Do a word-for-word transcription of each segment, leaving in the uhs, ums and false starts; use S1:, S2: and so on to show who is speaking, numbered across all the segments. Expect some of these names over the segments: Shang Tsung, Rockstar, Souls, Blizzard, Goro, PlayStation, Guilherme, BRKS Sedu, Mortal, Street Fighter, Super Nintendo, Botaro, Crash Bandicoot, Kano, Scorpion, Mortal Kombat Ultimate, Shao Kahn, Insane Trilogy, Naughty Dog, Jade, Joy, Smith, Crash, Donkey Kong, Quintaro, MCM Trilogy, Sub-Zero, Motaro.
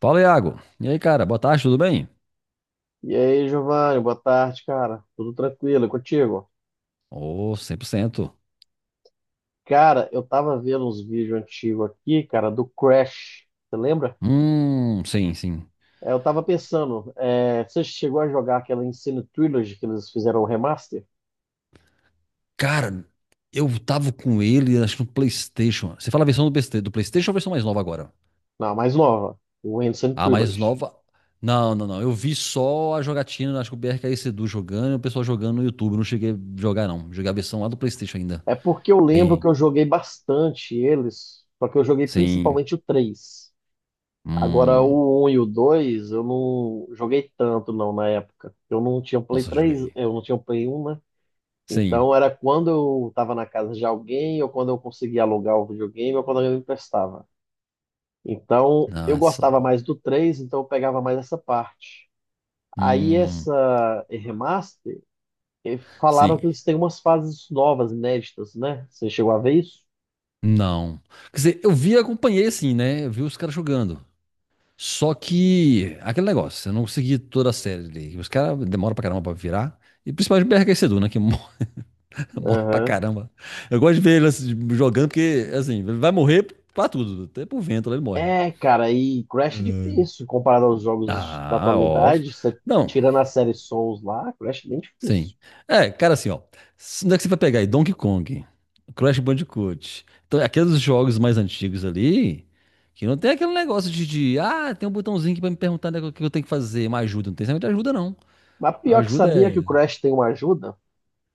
S1: Fala, Iago. E aí, cara? Boa tarde, tudo bem?
S2: E aí, Giovanni, boa tarde, cara. Tudo tranquilo, e contigo?
S1: Ô, cem por cento.
S2: Cara, eu tava vendo uns vídeos antigos aqui, cara, do Crash. Você lembra?
S1: Hum, sim, sim.
S2: É, Eu tava pensando, é, você chegou a jogar aquela Insane Trilogy que eles fizeram o remaster?
S1: Cara, eu tava com ele, acho que no PlayStation. Você fala a versão do PlayStation, do PlayStation ou a versão mais nova agora?
S2: Não, a mais nova, o Insane
S1: A mais
S2: Trilogy.
S1: nova. Não, não, não. Eu vi só a jogatina, acho que o B R K S Sedu jogando e o pessoal jogando no YouTube. Não cheguei a jogar, não. Joguei a versão lá do PlayStation ainda.
S2: É porque eu lembro que
S1: Aí,
S2: eu joguei bastante eles, só que eu joguei
S1: sim.
S2: principalmente o três. Agora,
S1: Hum.
S2: o um e o dois, eu não joguei tanto, não, na época. Eu não tinha o Play
S1: Nossa,
S2: três,
S1: joguei.
S2: eu não tinha o Play um, né?
S1: Sim.
S2: Então era quando eu estava na casa de alguém, ou quando eu conseguia alugar o videogame, ou quando alguém me emprestava. Então eu
S1: Ah,
S2: gostava
S1: só.
S2: mais do três, então eu pegava mais essa parte. Aí
S1: Hum.
S2: essa remaster, eh, falaram
S1: Sim.
S2: que eles têm umas fases novas, inéditas, né? Você chegou a ver isso?
S1: Não. Quer dizer, eu vi, e acompanhei assim, né? Eu vi os caras jogando. Só que, aquele negócio, eu não consegui toda a série ali. Os caras demoram pra caramba pra virar. E principalmente o B R K Sedu, né? Que morre, morre pra
S2: Aham.
S1: caramba. Eu gosto de ver ele assim, jogando, porque, assim, ele vai morrer pra tudo. Até pro vento, ele morre.
S2: É, cara, e Crash é difícil comparado aos jogos da
S1: Ah, óbvio.
S2: atualidade. Você
S1: Não,
S2: tirando a série Souls lá, Crash é bem
S1: sim.
S2: difícil.
S1: É, cara, assim, ó. s- Onde é que você vai pegar aí? Donkey Kong, Crash Bandicoot. Então, aqueles jogos mais antigos ali, que não tem aquele negócio de, de, ah, tem um botãozinho aqui pra me perguntar, né, o que eu tenho que fazer, uma ajuda. Não tem realmente ajuda, não.
S2: Mas pior que
S1: Ajuda
S2: sabia que o
S1: é.
S2: Crash tem uma ajuda?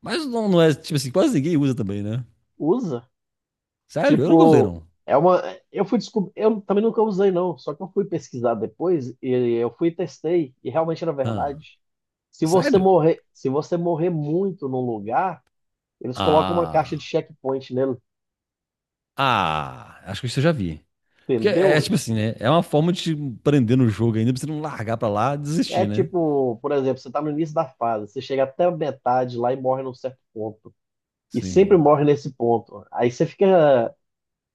S1: Mas não, não é, tipo assim, quase ninguém usa também, né?
S2: Usa.
S1: Sério? Eu não gostei,
S2: Tipo,
S1: não.
S2: é uma. Eu fui descobrir. Eu também nunca usei, não. Só que eu fui pesquisar depois e eu fui e testei. E realmente era
S1: Ah,
S2: verdade. Se você
S1: sério?
S2: morrer, se você morrer muito num lugar, eles colocam uma caixa de
S1: Ah.
S2: checkpoint nele,
S1: Ah, acho que isso eu já vi. Porque é, é
S2: entendeu?
S1: tipo assim, né? É uma forma de te prender no jogo ainda, pra você não largar pra lá e
S2: É
S1: desistir, né?
S2: tipo, por exemplo, você tá no início da fase, você chega até a metade lá e morre num certo ponto. E sempre
S1: Sim.
S2: morre nesse ponto. Aí você fica.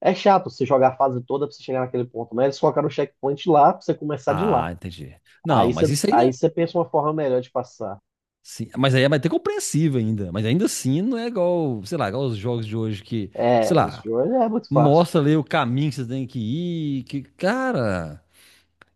S2: É chato você jogar a fase toda pra você chegar naquele ponto, né? Eles colocaram o checkpoint lá pra você começar de lá.
S1: Ah, entendi. Não,
S2: Aí
S1: mas
S2: você
S1: isso
S2: aí
S1: ainda.
S2: você pensa uma forma melhor de passar.
S1: Sim, mas aí é até compreensível ainda. Mas ainda assim não é igual, sei lá, igual os jogos de hoje que, sei
S2: É, os
S1: lá,
S2: Joy é muito fácil.
S1: mostra ali o caminho que você tem que ir. Que, cara.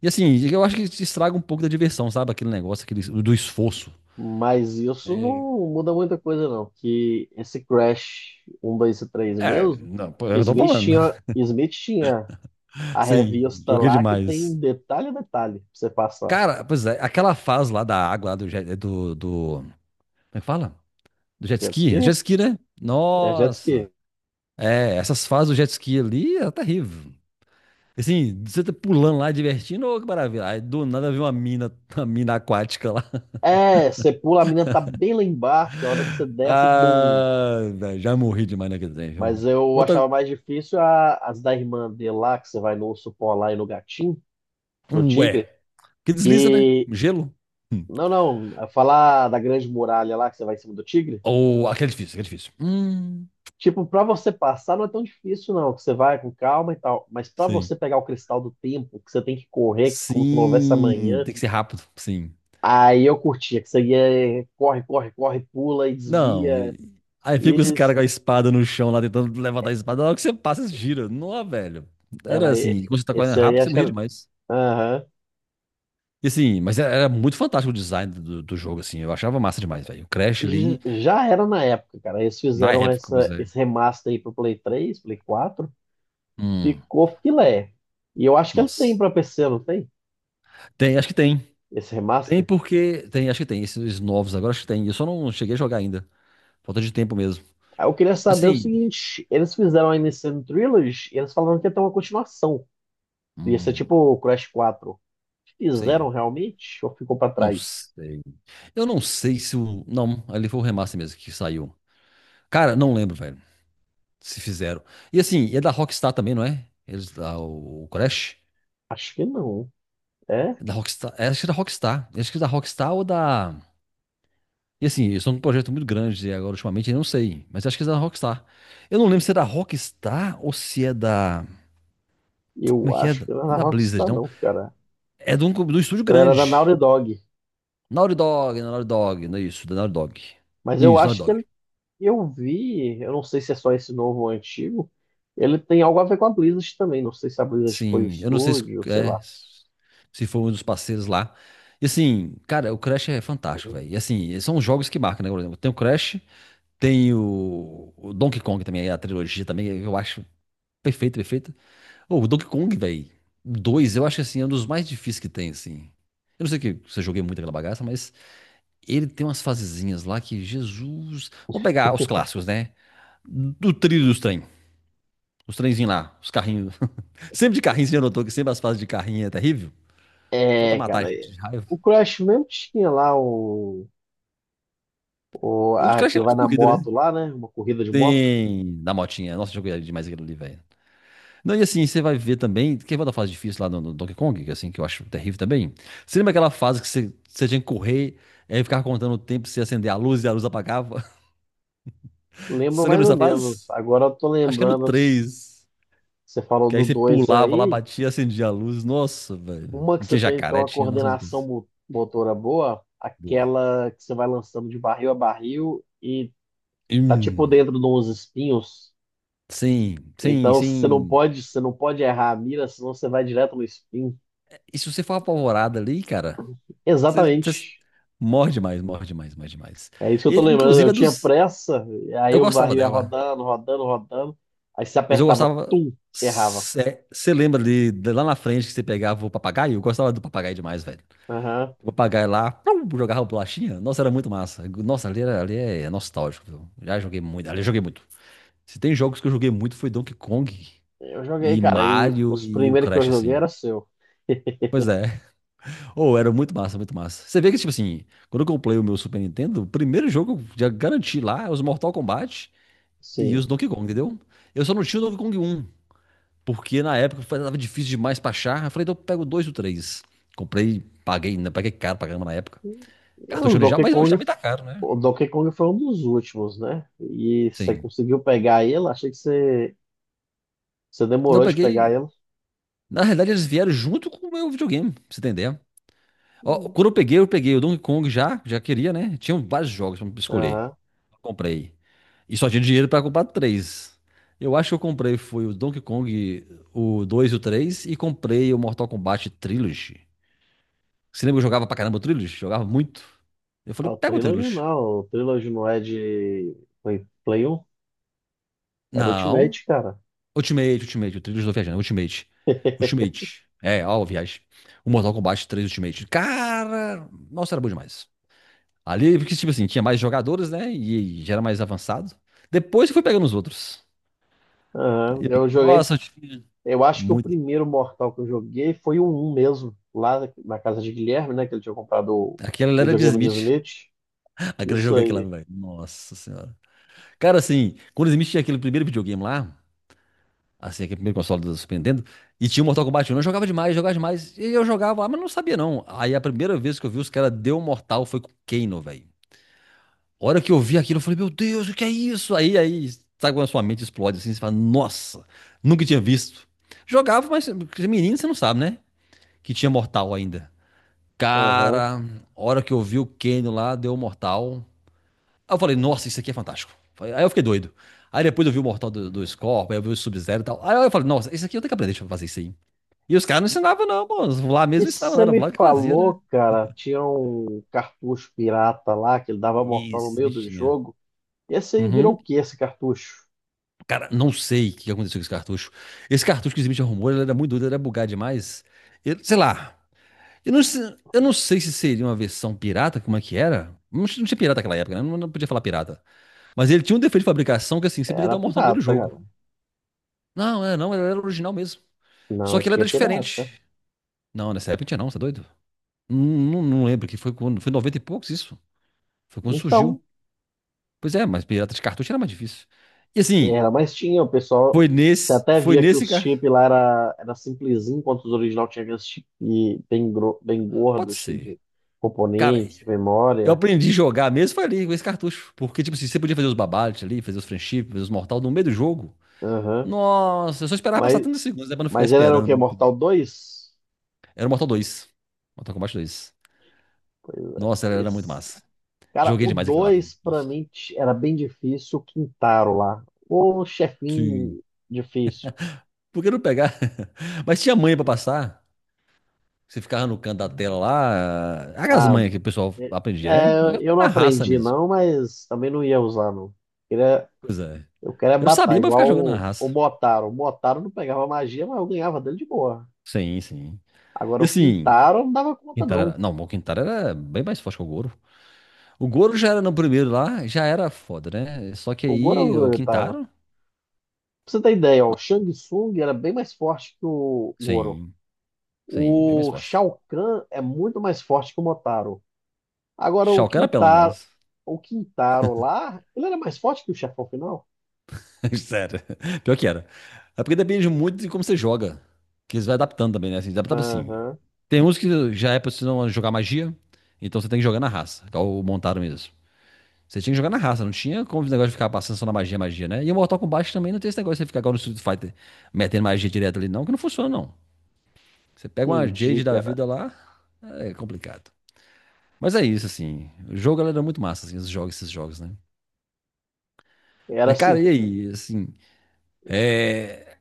S1: E assim, eu acho que isso estraga um pouco da diversão, sabe? Aquele negócio, aquele, do esforço.
S2: Mas isso
S1: É,
S2: não muda muita coisa, não. Que esse Crash um dois e três
S1: é,
S2: mesmo,
S1: não, pô, eu tô
S2: Smith
S1: falando.
S2: tinha, Smith tinha a
S1: Sim,
S2: revista
S1: joguei
S2: lá que tem
S1: demais.
S2: detalhe a detalhe pra você passar.
S1: Cara, pois é, aquela fase lá da água, lá do, jet- do, do. Como é que fala? Do jet
S2: Jet
S1: ski?
S2: ski?
S1: É jet ski, né?
S2: É jet ski.
S1: Nossa! É, essas fases do jet ski ali é terrível. Assim, você tá pulando lá, divertindo, ô, que maravilha. Aí do nada vem uma mina, uma mina aquática lá.
S2: É, você pula, a menina tá bem lá embaixo, a hora que você desce, bum.
S1: Ah, velho, já morri demais naquele trem, viu?
S2: Mas eu
S1: Outra,
S2: achava mais difícil a- as da irmã dele lá, que você vai no urso polar e no gatinho, no
S1: ué,
S2: tigre,
S1: que desliza, né?
S2: que
S1: Gelo.
S2: Não, não. é Falar da Grande Muralha lá que você vai em cima do tigre.
S1: Ou, aquele é difícil, aquele é difícil. Hum,
S2: Tipo, pra você passar não é tão difícil, não. Que você vai com calma e tal. Mas pra
S1: sim.
S2: você pegar o cristal do tempo, que você tem que correr como se não houvesse
S1: Sim,
S2: amanhã,
S1: tem que ser rápido, sim.
S2: aí eu curtia. Que você ia, corre, corre, corre, pula e
S1: Não,
S2: desvia.
S1: e- aí fica os caras
S2: Isso.
S1: com a espada no chão lá, tentando levantar a espada. Na hora que você passa, gira. Não, velho.
S2: É,
S1: Era
S2: mas
S1: assim, quando você tá correndo
S2: esse aí
S1: rápido, você
S2: acho que
S1: morria
S2: era.
S1: demais.
S2: Aham.
S1: E assim, mas era era muito fantástico o design do, do jogo, assim. Eu achava massa demais, velho. O Crash
S2: J-
S1: ali,
S2: Já era na época, cara. Eles
S1: na
S2: fizeram
S1: época, pois
S2: essa,
S1: é.
S2: esse remaster aí pro Play três, Play quatro.
S1: Hum,
S2: Ficou filé. E eu acho que ele tem
S1: nossa.
S2: pra P C, não tem?
S1: Tem, acho que tem.
S2: Esse
S1: Tem
S2: remaster.
S1: porque. Tem, acho que tem. Esses novos agora, acho que tem. Eu só não cheguei a jogar ainda. Falta de tempo mesmo.
S2: Aí Eu queria saber o
S1: Assim.
S2: seguinte: eles fizeram a M C M Trilogy e eles falaram que ia ter uma continuação. Ia ser tipo
S1: Hum,
S2: o Crash quatro. Fizeram
S1: sim.
S2: realmente? Ou ficou pra
S1: Não
S2: trás?
S1: sei. Eu não sei se o. Não, ali foi o remaster mesmo que saiu. Cara, não lembro, velho. Se fizeram. E assim, e é da Rockstar também, não é? Eles, ah, o o Crash?
S2: Acho que não. É?
S1: É da Rockstar. É, acho que é da Rockstar. Acho que é da Rockstar ou da. E assim, eles são um projeto muito grande e agora ultimamente, eu não sei, mas acho que é da Rockstar. Eu não lembro se é da Rockstar ou se é da. Como é
S2: Eu
S1: que é?
S2: acho
S1: Não
S2: que não era
S1: é
S2: da
S1: da Blizzard,
S2: Rockstar,
S1: não.
S2: não, cara.
S1: É de um, de um estúdio
S2: Ela era da Naughty
S1: grande.
S2: Dog.
S1: Naughty Dog, é Naughty Dog, não é isso, da Naughty Dog.
S2: Mas eu
S1: Isso, Naughty
S2: acho que
S1: Dog.
S2: ele- eu vi, eu não sei se é só esse novo ou antigo. Ele tem algo a ver com a Blizzard também. Não sei se a Blizzard foi o
S1: Sim, eu não sei se,
S2: estúdio, sei
S1: é,
S2: lá.
S1: se foi um dos parceiros lá. E assim, cara, o Crash é fantástico, velho. E assim, são os jogos que marcam, né? Por exemplo, tem o Crash, tem o, o Donkey Kong também, a trilogia também, eu acho. Perfeito, perfeito. Ô, o Donkey Kong, velho. Dois, eu acho que assim, é um dos mais difíceis que tem, assim. Eu não sei que você joguei muito aquela bagaça, mas ele tem umas fasezinhas lá que, Jesus. Vamos pegar os clássicos, né? Do trilho dos trem. Os trenzinhos lá, os carrinhos. Sempre de carrinho, você já notou que sempre as fases de carrinho é terrível? Falta
S2: É,
S1: matar a
S2: cara.
S1: gente
S2: É.
S1: de raiva.
S2: O Crash mesmo tinha lá o. O,
S1: Eu acho
S2: ah,
S1: que achei
S2: aquilo vai
S1: mais
S2: na
S1: corrida, né?
S2: moto lá, né? Uma corrida de moto.
S1: Tem. Da motinha. Nossa, eu joguei demais aquilo ali, velho. Não, e assim, você vai ver também. Quem vai da fase difícil lá no, no Donkey Kong, que assim, que eu acho terrível também. Você lembra aquela fase que você, você tinha que correr, é, e aí ficava contando o tempo, você acender a luz e a luz apagava?
S2: Lembro
S1: Você
S2: mais
S1: lembra
S2: ou
S1: dessa fase?
S2: menos. Agora eu tô
S1: Acho que é no
S2: lembrando, que
S1: três.
S2: você falou
S1: Que
S2: do
S1: aí você
S2: dois
S1: pulava lá,
S2: aí.
S1: batia, acendia a luz. Nossa, velho.
S2: Uma que você
S1: Tinha
S2: tem que ter
S1: jacaré,
S2: uma
S1: tinha, nossa, umas
S2: coordenação
S1: coisas.
S2: mo- motora boa,
S1: Boa.
S2: aquela que você vai lançando de barril a barril e tá tipo
S1: Hum,
S2: dentro de uns espinhos.
S1: sim, sim,
S2: Então você não
S1: sim.
S2: pode, você não pode errar a mira, senão você vai direto no espinho.
S1: E se você for apavorado ali, cara, você, você
S2: Exatamente.
S1: morre demais, morre demais, morre demais.
S2: É isso que eu
S1: E,
S2: tô lembrando. Eu
S1: inclusive, a
S2: tinha
S1: dos.
S2: pressa,
S1: Eu
S2: aí o
S1: gostava
S2: barril ia
S1: dela.
S2: rodando, rodando, rodando. Aí você
S1: Mas eu
S2: apertava,
S1: gostava.
S2: tum, errava.
S1: Você lembra ali, de lá na frente, que você pegava o papagaio? Eu gostava do papagaio demais, velho.
S2: Aham.
S1: O papagaio lá, plum, jogava bolachinha. Nossa, era muito massa. Nossa, ali, era, ali é nostálgico, viu? Já joguei muito. Ali eu joguei muito. Se tem jogos que eu joguei muito, foi Donkey Kong
S2: Eu joguei,
S1: e
S2: cara, e
S1: Mario
S2: os
S1: e o
S2: primeiros que eu
S1: Crash,
S2: joguei
S1: assim.
S2: era seu.
S1: Pois é. Ou era muito massa, muito massa. Você vê que, tipo assim, quando eu comprei o meu Super Nintendo, o primeiro jogo que eu já garanti lá é os Mortal Kombat e
S2: Sim.
S1: os Donkey Kong, entendeu? Eu só não tinha o Donkey Kong um. Porque na época foi- tava difícil demais pra achar. Eu falei, então eu pego dois ou três. Comprei, paguei, né? Paguei caro pra caramba na época.
S2: E o
S1: Cartucho original,
S2: Donkey
S1: mas hoje
S2: Kong,
S1: também tá caro, né?
S2: o Donkey Kong foi um dos últimos, né? E você
S1: Sim.
S2: conseguiu pegar ele? Achei que você, você
S1: Não, eu
S2: demorou de pegar
S1: peguei.
S2: ele.
S1: Na realidade, eles vieram junto com o meu videogame, pra você entender. Ó,
S2: Hum.
S1: quando eu peguei, eu peguei o Donkey Kong já, já queria, né? Tinham vários jogos pra escolher.
S2: Aham.
S1: Comprei. E só tinha dinheiro pra comprar três. Eu acho que eu comprei foi o Donkey Kong, o dois e o três, e comprei o Mortal Kombat Trilogy. Você lembra que eu jogava pra caramba o Trilos? Jogava muito. Eu
S2: Ah,
S1: falei,
S2: O
S1: pega o
S2: Trilogy
S1: Trilos.
S2: não, o Trilogy não é de Play, Play um, era
S1: Não.
S2: Ultimate, cara.
S1: Ultimate, Ultimate. O Trilos do viajando. Ultimate. Ultimate. É, ó, viagem. O Mortal Kombat três Ultimate. Cara, nossa, era bom demais. Ali, porque, tipo assim, tinha mais jogadores, né? E já era mais avançado. Depois eu fui pegando os outros.
S2: Aham.
S1: E eu-
S2: Eu joguei,
S1: nossa, eu tive
S2: eu acho que o
S1: muito.
S2: primeiro Mortal que eu joguei foi o um mesmo, lá na casa de Guilherme, né? Que ele tinha comprado o
S1: Aquela era de
S2: videogame de
S1: Smith.
S2: Smith.
S1: Aquele
S2: Isso
S1: jogo aquela,
S2: aí.
S1: velho. Nossa senhora. Cara, assim, quando o Smith tinha aquele primeiro videogame lá. Assim, aquele primeiro console do Super Nintendo. E tinha o Mortal Kombat um. Eu jogava demais, jogava demais. E eu jogava lá, mas não sabia não. Aí a primeira vez que eu vi os caras deu Mortal foi com o Kano, velho. A hora que eu vi aquilo, eu falei, meu Deus, o que é isso? Aí, aí, sabe quando a sua mente explode assim? Você fala, nossa, nunca tinha visto. Jogava, mas porque menino você não sabe, né? Que tinha Mortal ainda.
S2: Aham.
S1: Cara, a hora que eu vi o Kano lá, deu Mortal. Aí eu falei, nossa, isso aqui é fantástico. Aí eu fiquei doido. Aí depois eu vi o Mortal do, do Scorpion, aí eu vi o Sub-Zero e tal. Aí eu falei, nossa, isso aqui eu tenho que aprender, deixa eu fazer isso aí. E os caras não ensinavam, não, pô. Lá
S2: E
S1: mesmo ensinavam, não.
S2: você
S1: Era
S2: me
S1: Vlad que fazia, né?
S2: falou, cara, tinha um cartucho pirata lá que ele dava mortal no
S1: Esses
S2: meio do
S1: bichinha.
S2: jogo. Esse aí virou
S1: Uhum.
S2: o que esse cartucho?
S1: Cara, não sei o que aconteceu com esse cartucho. Esse cartucho que o Smith arrumou, ele era muito doido, ele era bugado demais. Ele- sei lá. Eu não, se- eu não sei se seria uma versão pirata, como é que era. Não, tinha não tinha pirata naquela época, né? Não, não podia falar pirata. Mas ele tinha um defeito de fabricação que, assim, você podia
S2: Era
S1: dar um mortal no meio do
S2: pirata,
S1: jogo.
S2: cara.
S1: Não, é, não, ele era original mesmo.
S2: Não,
S1: Só
S2: eu
S1: que ele
S2: tinha
S1: era
S2: pirata.
S1: diferente. Não, nessa época não tinha não, você é doido? Não, não, não lembro que foi quando. Foi em noventa e poucos isso. Foi quando
S2: Então,
S1: surgiu. Pois é, mas pirata de cartucho era mais difícil. E assim,
S2: era, mas tinha, o pessoal.
S1: foi
S2: Você
S1: nesse,
S2: até
S1: foi
S2: via que
S1: nesse,
S2: os
S1: car-
S2: chips lá era, era simplesinho, enquanto os original tinha aqueles chips bem, gro- bem
S1: pode
S2: gordos, cheio
S1: ser.
S2: de
S1: Cara,
S2: componente, de
S1: eu
S2: memória.
S1: aprendi a jogar mesmo foi ali com esse cartucho, porque tipo assim, você podia fazer os babates ali, fazer os friendships, fazer os mortal no meio do jogo.
S2: Aham.
S1: Nossa, eu só esperava passar
S2: Mas,
S1: 30 segundos, né, pra não ficar
S2: mas ele era o
S1: esperando
S2: quê?
S1: muito tempo.
S2: Mortal dois.
S1: Era o Mortal dois. Mortal Kombat dois.
S2: Pois é.
S1: Nossa, era, era muito
S2: Esse.
S1: massa.
S2: Cara,
S1: Joguei
S2: o
S1: demais aquilo lá, viu?
S2: dois pra
S1: Nossa.
S2: mim t- era bem difícil, o Quintaro lá. O
S1: Sim.
S2: chefinho difícil.
S1: Por que não pegar? Mas tinha manha pra passar. Você ficava no canto da tela lá. Aquelas
S2: Ah,
S1: manhas que o pessoal
S2: é,
S1: aprendia, né? O
S2: é,
S1: negócio
S2: eu não
S1: era na raça
S2: aprendi
S1: mesmo.
S2: não, mas também não ia usar não. Queria-
S1: Pois é.
S2: eu queria é
S1: Eu
S2: matar,
S1: sabia pra ficar
S2: igual
S1: jogando na
S2: o, o
S1: raça.
S2: Botaro. O Botaro não pegava magia, mas eu ganhava dele de boa.
S1: Sim, sim.
S2: Agora
S1: E
S2: o
S1: assim,
S2: Quintaro eu não dava conta
S1: Quintara
S2: não.
S1: era. Não, o Quintara era bem mais forte que o Goro. O Goro já era no primeiro lá, já era foda, né? Só que
S2: O
S1: aí o
S2: Goro eu tava.
S1: Quintaro,
S2: Pra você ter ideia, ó, o Shang Tsung era bem mais forte que o Goro.
S1: sim, sim, bem mais
S2: O
S1: forte.
S2: Shao Kahn é muito mais forte que o Motaro. Agora o
S1: Shao Kahn era pelão
S2: Quintaro,
S1: demais.
S2: o Quintaro lá, ele era mais forte que o chefão final?
S1: Sério. Pior que era. É porque depende muito de como você joga. Que eles vai adaptando também, né? Assim, adaptava assim.
S2: Aham,
S1: Tem uns que já é pra você não jogar magia, então você tem que jogar na raça, igual o Montaro mesmo. Você tinha que jogar na raça, não tinha como o negócio de ficar passando só na magia, magia, né? E o Mortal Kombat também não tem esse negócio de você ficar igual no Street Fighter metendo magia direto ali, não, que não funciona, não. Você pega uma
S2: entendi,
S1: Jade da
S2: cara.
S1: vida lá, é complicado. Mas é isso, assim. O jogo, galera, é muito massa, assim, os jogos, esses jogos, né?
S2: Era
S1: Mas, cara,
S2: assim.
S1: e aí? Assim, é.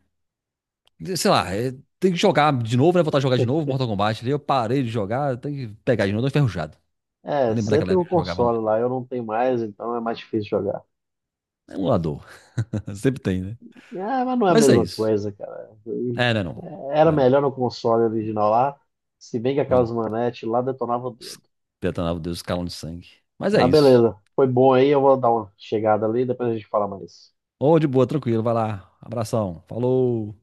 S1: Sei lá, é. Tem que jogar de novo, né? Voltar a jogar de novo Mortal Kombat ali. Eu parei de jogar, tem que pegar de novo, tô enferrujado.
S2: É,
S1: Lembra
S2: você
S1: daquela
S2: tem um
S1: época que eu jogava
S2: console
S1: muito.
S2: lá, eu não tenho mais, então é mais difícil jogar.
S1: É um emulador. Sempre tem, né?
S2: Ah, mas não é a
S1: Mas é
S2: mesma
S1: isso.
S2: coisa, cara. Eu-
S1: É, não é não.
S2: era
S1: Não é não.
S2: melhor no console original lá, se bem que
S1: Os
S2: aquelas manetes lá detonavam o
S1: es-
S2: dedo.
S1: Detonava Deus, escalão de sangue. Mas é
S2: Mas
S1: isso.
S2: beleza, foi bom aí, eu vou dar uma chegada ali, depois a gente fala mais.
S1: Ô, de boa, tranquilo, vai lá. Abração, falou.